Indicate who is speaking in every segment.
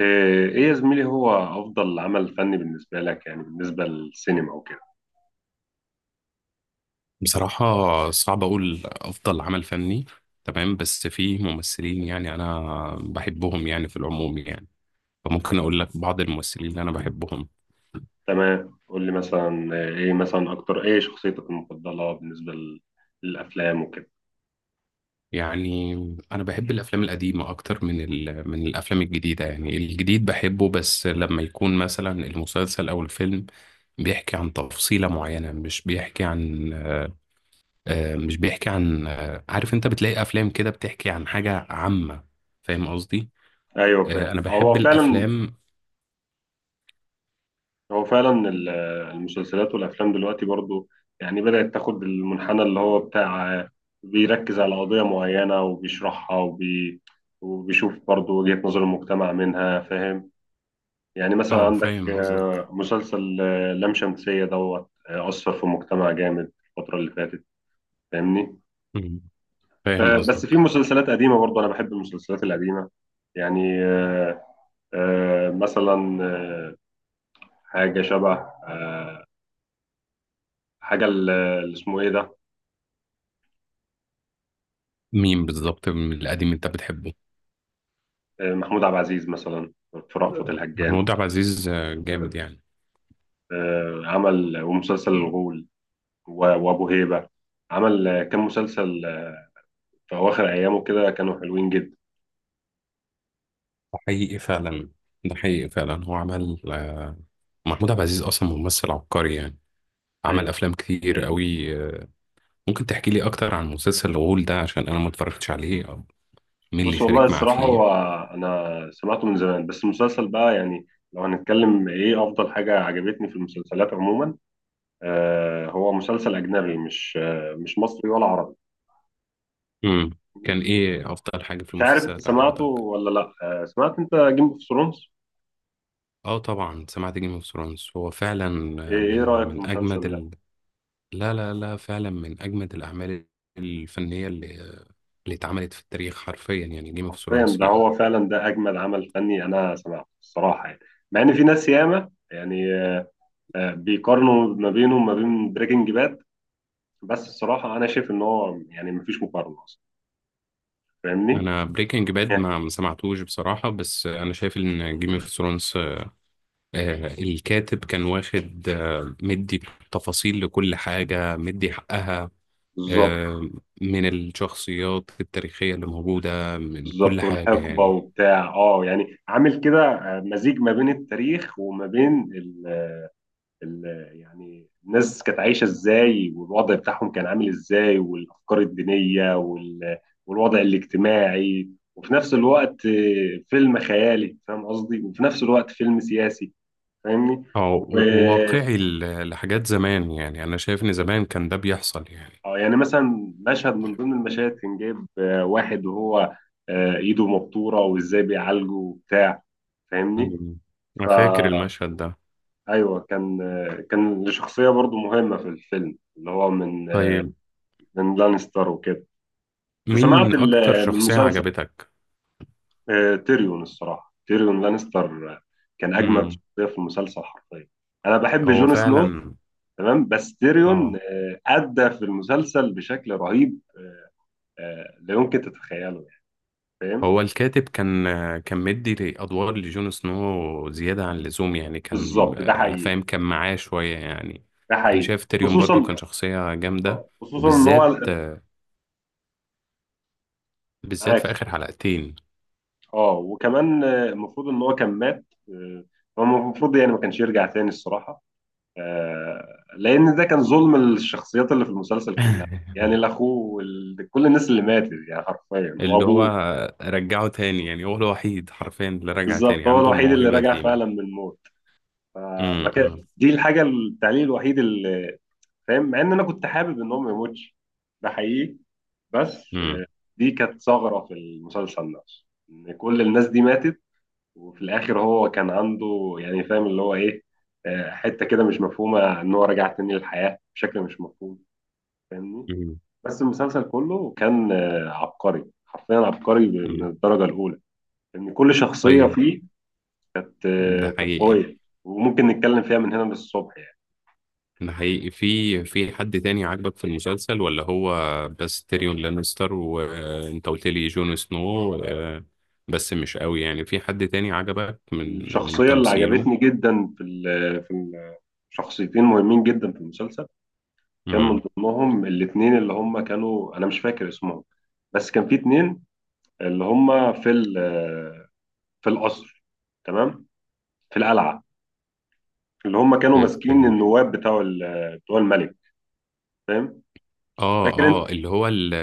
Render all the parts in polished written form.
Speaker 1: إيه إيه يا زميلي، هو أفضل عمل فني بالنسبة لك يعني بالنسبة للسينما وكده؟
Speaker 2: بصراحة، صعب أقول أفضل عمل فني. تمام، بس في ممثلين يعني أنا بحبهم يعني في العموم يعني، فممكن أقول لك بعض الممثلين اللي أنا بحبهم.
Speaker 1: تمام، قول لي مثلا إيه مثلا، أكتر إيه شخصيتك المفضلة بالنسبة للأفلام وكده.
Speaker 2: يعني أنا بحب الأفلام القديمة أكتر من من الأفلام الجديدة. يعني الجديد بحبه بس لما يكون مثلا المسلسل أو الفيلم بيحكي عن تفصيلة معينة، مش بيحكي عن عارف، أنت بتلاقي أفلام كده بتحكي عن حاجة عامة. فاهم قصدي؟
Speaker 1: أيوه فاهم،
Speaker 2: انا بحب
Speaker 1: هو فعلا.
Speaker 2: الافلام.
Speaker 1: هو فعلا المسلسلات والأفلام دلوقتي برضو يعني بدأت تاخد المنحنى اللي هو بتاع بيركز على قضية معينة وبيشرحها وبيشوف برضو وجهة نظر المجتمع منها، فاهم؟ يعني مثلا
Speaker 2: اه،
Speaker 1: عندك
Speaker 2: فاهم قصدك.
Speaker 1: مسلسل لام شمسية دوت أثر في المجتمع جامد الفترة اللي فاتت، فاهمني؟
Speaker 2: مم. فاهم
Speaker 1: بس في
Speaker 2: قصدك.
Speaker 1: مسلسلات قديمة برضه، أنا بحب المسلسلات القديمة يعني، مثلا آه، حاجة شبه آه، حاجة اللي اسمه إيه ده.
Speaker 2: مين بالظبط من القديم انت بتحبه؟
Speaker 1: محمود عبد العزيز مثلا، في رأفت الهجان.
Speaker 2: محمود عبد العزيز جامد يعني.
Speaker 1: عمل ومسلسل الغول وأبو هيبة، عمل كام مسلسل في أواخر أيامه كده كانوا حلوين جدا.
Speaker 2: ده حقيقي فعلا، ده حقيقي فعلا. هو عمل آه، محمود عبد العزيز اصلا ممثل عبقري يعني، عمل
Speaker 1: أيوه.
Speaker 2: افلام كتير
Speaker 1: أيوه.
Speaker 2: قوي. ممكن تحكي لي اكتر عن مسلسل الغول ده عشان انا ما اتفرجتش عليه، او مين اللي
Speaker 1: بص، والله
Speaker 2: شارك معاه
Speaker 1: الصراحة هو،
Speaker 2: فيه؟
Speaker 1: أنا سمعته من زمان. بس المسلسل بقى، يعني لو هنتكلم إيه أفضل حاجة عجبتني في المسلسلات عموما، آه، هو مسلسل أجنبي، مش آه مش مصري ولا عربي.
Speaker 2: كان ايه افضل حاجه في
Speaker 1: مش عارف أنت
Speaker 2: المسلسلات
Speaker 1: سمعته
Speaker 2: عجبتك؟
Speaker 1: ولا لأ. آه، سمعت أنت جيم أوف ثرونز؟
Speaker 2: اه طبعا سمعت جيم اوف ثرونز، هو فعلا.
Speaker 1: إيه إيه
Speaker 2: من
Speaker 1: رأيك في
Speaker 2: من اجمد.
Speaker 1: المسلسل ده؟
Speaker 2: لا لا لا، فعلا من أجمد الأعمال الفنية اللي اتعملت في التاريخ حرفيا، يعني جيم اوف
Speaker 1: حرفيا
Speaker 2: ثرونز
Speaker 1: ده،
Speaker 2: يعني.
Speaker 1: هو فعلا ده أجمد عمل فني أنا سمعته الصراحة يعني. مع إن في ناس ياما يعني آه بيقارنوا ما بينه وما بين بريكنج باد، بس الصراحة أنا شايف إن هو يعني مفيش مقارنة أصلا. فاهمني؟
Speaker 2: أنا بريكنج باد ما سمعتوش بصراحة، بس أنا شايف إن جيم اوف ثرونز الكاتب كان واخد مدي تفاصيل لكل حاجة، مدي حقها
Speaker 1: بالظبط.
Speaker 2: آه، من الشخصيات التاريخية اللي موجودة، من كل
Speaker 1: بالظبط،
Speaker 2: حاجة
Speaker 1: والحقبه
Speaker 2: يعني.
Speaker 1: وبتاع اه، يعني عامل كده مزيج ما بين التاريخ وما بين ال يعني الناس كانت عايشه ازاي، والوضع بتاعهم كان عامل ازاي، والافكار الدينيه والوضع الاجتماعي. وفي نفس الوقت فيلم خيالي، فاهم قصدي؟ وفي نفس الوقت فيلم سياسي، فاهمني؟ و
Speaker 2: وواقعي لحاجات زمان، يعني أنا شايف إن زمان كان ده بيحصل يعني.
Speaker 1: آه، يعني مثلا مشهد من ضمن المشاهد كان جايب واحد وهو ايده مبتوره، وازاي بيعالجه وبتاع، فاهمني؟
Speaker 2: مم. أنا فاكر
Speaker 1: فأيوه،
Speaker 2: المشهد ده.
Speaker 1: كان، كان لشخصية برضو مهمة في الفيلم، اللي هو من،
Speaker 2: طيب،
Speaker 1: من لانستر وكده. أنت سمعت
Speaker 2: مين أكتر
Speaker 1: من
Speaker 2: شخصية
Speaker 1: المسلسل؟
Speaker 2: عجبتك؟
Speaker 1: تيريون الصراحة، تيريون لانستر كان أجمد
Speaker 2: مم.
Speaker 1: شخصية في المسلسل حرفيا. أنا بحب
Speaker 2: هو
Speaker 1: جون سنو،
Speaker 2: فعلا.
Speaker 1: تمام، بس تيريون
Speaker 2: اه.
Speaker 1: أدى في المسلسل بشكل رهيب. لا يمكن تتخيله يعني، فاهم؟
Speaker 2: هو الكاتب كان مدي أدوار لجون سنو زيادة عن اللزوم، يعني كان
Speaker 1: بالظبط، ده حقيقي.
Speaker 2: فاهم، كان معاه شوية يعني.
Speaker 1: ده
Speaker 2: أنا
Speaker 1: حقيقي،
Speaker 2: شايف تيريون برضو كان
Speaker 1: خصوصا
Speaker 2: شخصية جامدة،
Speaker 1: خصوصا ان هو،
Speaker 2: وبالذات في
Speaker 1: معاك.
Speaker 2: آخر حلقتين.
Speaker 1: اه، وكمان المفروض ان هو كان مات هو المفروض يعني ما كانش يرجع تاني الصراحه، لان ده كان ظلم للشخصيات اللي في المسلسل كلها، يعني الاخوه كل الناس اللي ماتت يعني حرفيا،
Speaker 2: اللي هو
Speaker 1: وابوه.
Speaker 2: رجعه تاني، يعني هو الوحيد حرفيا اللي رجع
Speaker 1: بالظبط،
Speaker 2: تاني
Speaker 1: هو
Speaker 2: عنده
Speaker 1: الوحيد اللي
Speaker 2: الموهبة
Speaker 1: رجع
Speaker 2: دي. مم.
Speaker 1: فعلا من الموت، فما
Speaker 2: مم.
Speaker 1: كان دي الحاجه التعليق الوحيد اللي، فاهم؟ مع ان انا كنت حابب ان هو ما يموتش، ده حقيقي. بس
Speaker 2: مم.
Speaker 1: آه، دي كانت ثغره في المسلسل نفسه، ان كل الناس دي ماتت، وفي الاخر هو كان عنده، يعني فاهم اللي هو ايه، حته كده مش مفهومه، ان هو رجع تاني للحياه بشكل مش مفهوم. فاهمني؟ بس المسلسل كله كان عبقري، حرفيا عبقري من
Speaker 2: مم.
Speaker 1: الدرجه الاولى، ان كل شخصيه
Speaker 2: طيب،
Speaker 1: فيه كانت
Speaker 2: ده
Speaker 1: كانت
Speaker 2: حقيقي،
Speaker 1: قويه. وممكن نتكلم فيها من هنا للصبح يعني.
Speaker 2: ده حقيقي. في حد تاني عاجبك في المسلسل، ولا هو بس تيريون لانستر وانت قلت لي جون سنو، بس مش قوي يعني، في حد تاني عجبك من
Speaker 1: الشخصيه اللي
Speaker 2: تمثيله؟
Speaker 1: عجبتني جدا في شخصيتين مهمين جدا في المسلسل، كان من
Speaker 2: امم
Speaker 1: ضمنهم الاثنين اللي هم كانوا، انا مش فاكر اسمهم، بس كان في اتنين اللي هم في القصر، تمام، في القلعه، اللي هم كانوا
Speaker 2: في في
Speaker 1: ماسكين
Speaker 2: ال...
Speaker 1: النواب بتوع بتوع الملك، فاهم؟
Speaker 2: اه
Speaker 1: فاكر انت
Speaker 2: اه، اللي هو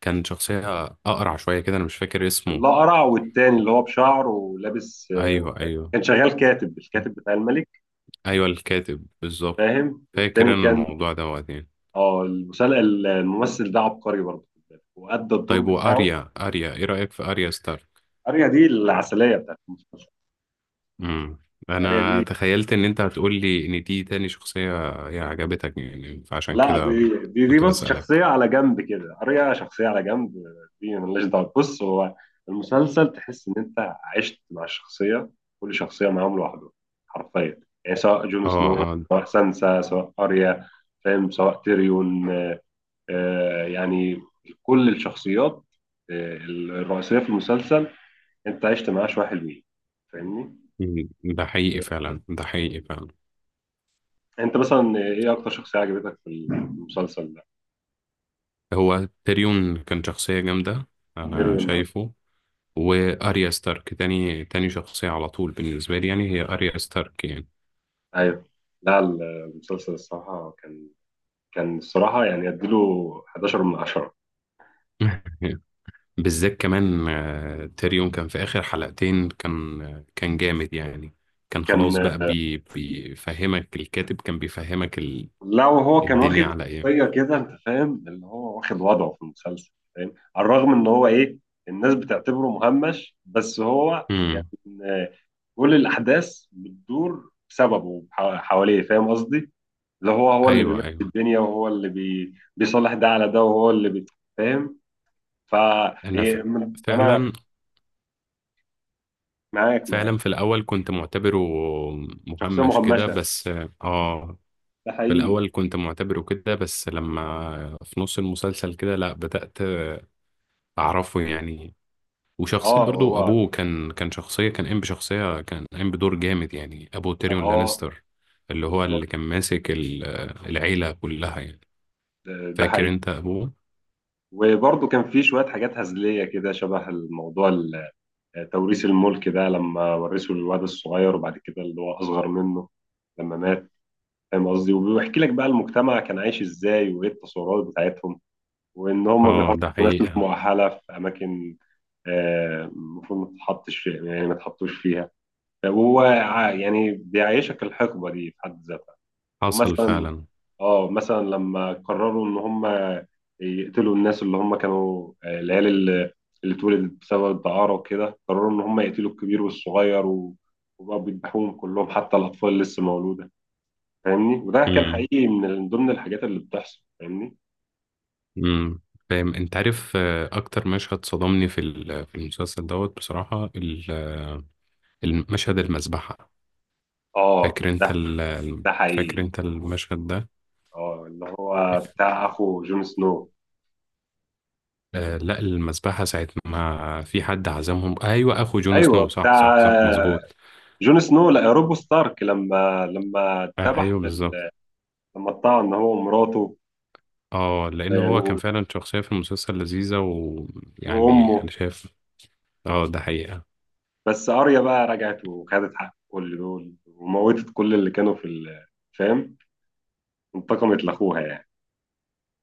Speaker 2: كان شخصية أقرع شوية كده، أنا مش فاكر اسمه.
Speaker 1: الاقرع والتاني اللي هو بشعر ولابس،
Speaker 2: أيوه أيوه.
Speaker 1: كان شغال كاتب، الكاتب بتاع الملك،
Speaker 2: أيوه، الكاتب بالظبط.
Speaker 1: فاهم؟
Speaker 2: فاكر
Speaker 1: والتاني
Speaker 2: أنا
Speaker 1: كان،
Speaker 2: الموضوع ده وقتين.
Speaker 1: اه الممثل ده عبقري برضه، وأدى الدور
Speaker 2: طيب،
Speaker 1: بتاعه.
Speaker 2: وأريا إيه رأيك في أريا ستار؟
Speaker 1: اريا دي العسليه بتاعت المسلسل.
Speaker 2: امم
Speaker 1: اريا دي،
Speaker 2: انا تخيلت ان انت هتقول لي ان دي تاني شخصية هي عجبتك، يعني فعشان
Speaker 1: لا،
Speaker 2: كده
Speaker 1: دي
Speaker 2: كنت
Speaker 1: بص
Speaker 2: بسألك.
Speaker 1: شخصية على جنب كده، قرية شخصية على جنب، دي ملهاش دعوة. بص، هو المسلسل تحس إن أنت عشت مع الشخصية، كل شخصية معاهم لوحده، حرفيا، يعني سواء جون سنو،
Speaker 2: اه اه.
Speaker 1: سواء سانسا، سواء أريا، فاهم؟ سواء تيريون، آه يعني كل الشخصيات آه الرئيسية في المسلسل أنت عشت معاه شوية حلوين. فاهمني؟
Speaker 2: مم، ده حقيقي
Speaker 1: آه،
Speaker 2: فعلا، ده حقيقي فعلا.
Speaker 1: أنت مثلا إيه أكتر شخصية عجبتك في المسلسل ده؟
Speaker 2: هو تيريون كان شخصية جامدة، انا
Speaker 1: تيريون.
Speaker 2: شايفه. واريا ستارك تاني شخصية على طول بالنسبة لي، يعني هي اريا ستارك يعني.
Speaker 1: ايوه. لا، المسلسل الصراحه كان، كان الصراحه يعني اديله 11 من 10.
Speaker 2: بالذات كمان تيريون كان في آخر حلقتين، كان جامد يعني. كان خلاص
Speaker 1: كان،
Speaker 2: بقى بيفهمك الكاتب، كان بيفهمك
Speaker 1: لا، وهو كان واخد
Speaker 2: الدنيا على ايه.
Speaker 1: شخصيه كده، انت فاهم اللي هو واخد وضعه في المسلسل، فاهم؟ على الرغم ان هو ايه، الناس بتعتبره مهمش، بس هو كان
Speaker 2: امم
Speaker 1: آه، كل الاحداث بتدور بسببه حواليه، فاهم قصدي؟ اللي هو، هو اللي
Speaker 2: ايوه
Speaker 1: بيمشي
Speaker 2: ايوه.
Speaker 1: الدنيا، وهو اللي بي... بيصلح ده على ده، وهو اللي بي... فاهم؟ ف،
Speaker 2: انا ف...
Speaker 1: إيه، انا
Speaker 2: فعلا
Speaker 1: معاك، معاك.
Speaker 2: فعلا، في الاول كنت معتبره
Speaker 1: شخصيه
Speaker 2: مهمش كده
Speaker 1: مهمشه،
Speaker 2: بس. اه.
Speaker 1: ده
Speaker 2: في
Speaker 1: حقيقي.
Speaker 2: الاول كنت معتبره كده، بس لما في نص المسلسل كده لا بدأت اعرفه يعني. وشخصية
Speaker 1: اه.
Speaker 2: برضو
Speaker 1: هو
Speaker 2: ابوه كان شخصية كان قايم بدور جامد، يعني ابو تيريون
Speaker 1: اه.
Speaker 2: لانستر، اللي هو
Speaker 1: بالظبط.
Speaker 2: اللي كان ماسك العيلة كلها يعني.
Speaker 1: ده، ده
Speaker 2: فاكر
Speaker 1: حقيقي.
Speaker 2: انت ابوه.
Speaker 1: وبرضه كان في شوية حاجات هزلية كده، شبه الموضوع توريث الملك ده، لما ورثوا للواد الصغير، وبعد كده اللي هو أصغر منه لما مات، فاهم قصدي؟ وبيحكي لك بقى المجتمع كان عايش ازاي، وايه التصورات بتاعتهم، وان هم
Speaker 2: اه
Speaker 1: بيحطوا
Speaker 2: ده
Speaker 1: ناس مش
Speaker 2: حقيقة
Speaker 1: مؤهلة في أماكن المفروض ما تتحطش فيها، يعني ما تحطوش فيها. هو يعني بيعيشك الحقبة دي في حد ذاتها.
Speaker 2: حصل
Speaker 1: ومثلا،
Speaker 2: فعلا.
Speaker 1: اه مثلا لما قرروا ان هم يقتلوا الناس اللي هم كانوا العيال اللي، اللي اتولدت بسبب الدعارة وكده، قرروا ان هم يقتلوا الكبير والصغير وبقوا بيذبحوهم كلهم، حتى الاطفال اللي لسه مولودة. فاهمني؟ وده كان حقيقي من ضمن الحاجات اللي بتحصل، فاهمني؟
Speaker 2: امم فاهم انت، عارف اكتر مشهد صدمني في في المسلسل دوت بصراحة، المشهد المذبحة.
Speaker 1: اه.
Speaker 2: فاكر انت
Speaker 1: ده
Speaker 2: ال- ال-
Speaker 1: ده
Speaker 2: فاكر
Speaker 1: حقيقي.
Speaker 2: انت المشهد ده؟
Speaker 1: اه، اللي هو بتاع اخو جون سنو.
Speaker 2: لا، المذبحة ساعة ما في حد عزمهم. ايوه اخو جون
Speaker 1: ايوه،
Speaker 2: سنو، صح
Speaker 1: بتاع
Speaker 2: صح صح، مظبوط.
Speaker 1: جون سنو، لا روب ستارك، لما اتذبح
Speaker 2: ايوه بالظبط.
Speaker 1: لما اتطعن هو ومراته
Speaker 2: اه، لان
Speaker 1: آه،
Speaker 2: هو كان
Speaker 1: و-
Speaker 2: فعلا شخصية في المسلسل لذيذة، ويعني
Speaker 1: وامه.
Speaker 2: انا شايف. اه ده حقيقة.
Speaker 1: بس اريا بقى رجعت وخدت حق كل دول، وموتت كل اللي كانوا فاهم؟ انتقمت لاخوها يعني.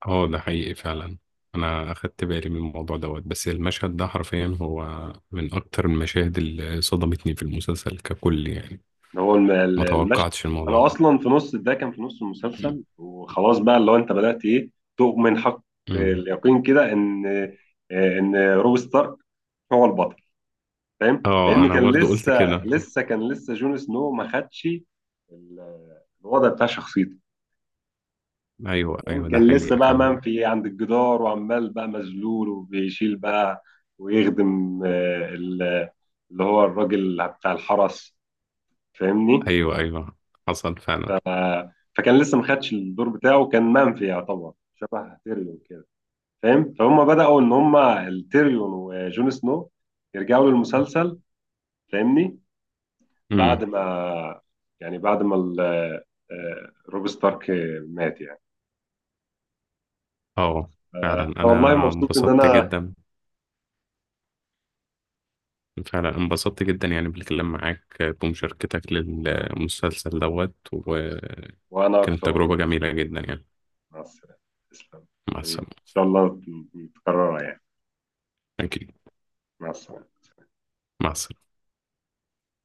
Speaker 2: اه ده حقيقي فعلا. انا اخدت بالي من الموضوع دوت، بس المشهد ده حرفيا هو من اكتر المشاهد اللي صدمتني في المسلسل ككل يعني.
Speaker 1: ده هو
Speaker 2: ما
Speaker 1: المشهد.
Speaker 2: توقعتش الموضوع
Speaker 1: انا
Speaker 2: ده.
Speaker 1: اصلا في نص ده، كان في نص المسلسل وخلاص بقى، اللي هو انت بدات ايه، تؤمن حق
Speaker 2: أمم.
Speaker 1: اليقين كده ان ان روب ستارك هو البطل. فاهم؟
Speaker 2: اه
Speaker 1: لان
Speaker 2: انا
Speaker 1: كان
Speaker 2: برضو قلت
Speaker 1: لسه،
Speaker 2: كده.
Speaker 1: لسه كان لسه جون سنو ما خدش الوضع بتاع شخصيته،
Speaker 2: ايوه ايوه، ده
Speaker 1: كان لسه
Speaker 2: حقيقي
Speaker 1: بقى
Speaker 2: فعلا.
Speaker 1: منفي عند الجدار، وعمال بقى مذلول، وبيشيل بقى، ويخدم اللي هو الراجل بتاع الحرس، فاهمني؟
Speaker 2: ايوه ايوه حصل فعلا.
Speaker 1: فكان لسه ما خدش الدور بتاعه، كان منفي، يعتبر شبه تيريون كده، فاهم؟ فهم بدأوا ان هم التيريون وجون سنو يرجعوا للمسلسل، فاهمني؟ بعد
Speaker 2: امم
Speaker 1: ما، يعني بعد ما روب ستارك مات يعني.
Speaker 2: اه، فعلا انا
Speaker 1: والله مبسوط ان
Speaker 2: انبسطت
Speaker 1: انا،
Speaker 2: جدا، فعلا انبسطت جدا يعني بالكلام معاك بمشاركتك للمسلسل دوت، وكانت
Speaker 1: وانا اكتر والله.
Speaker 2: تجربة جميلة جدا يعني.
Speaker 1: مع السلامة، تسلم
Speaker 2: مع
Speaker 1: حبيبي،
Speaker 2: السلامة.
Speaker 1: إن شاء الله تكررها يعني.
Speaker 2: اكيد.
Speaker 1: مع السلامة.
Speaker 2: مع السلامة.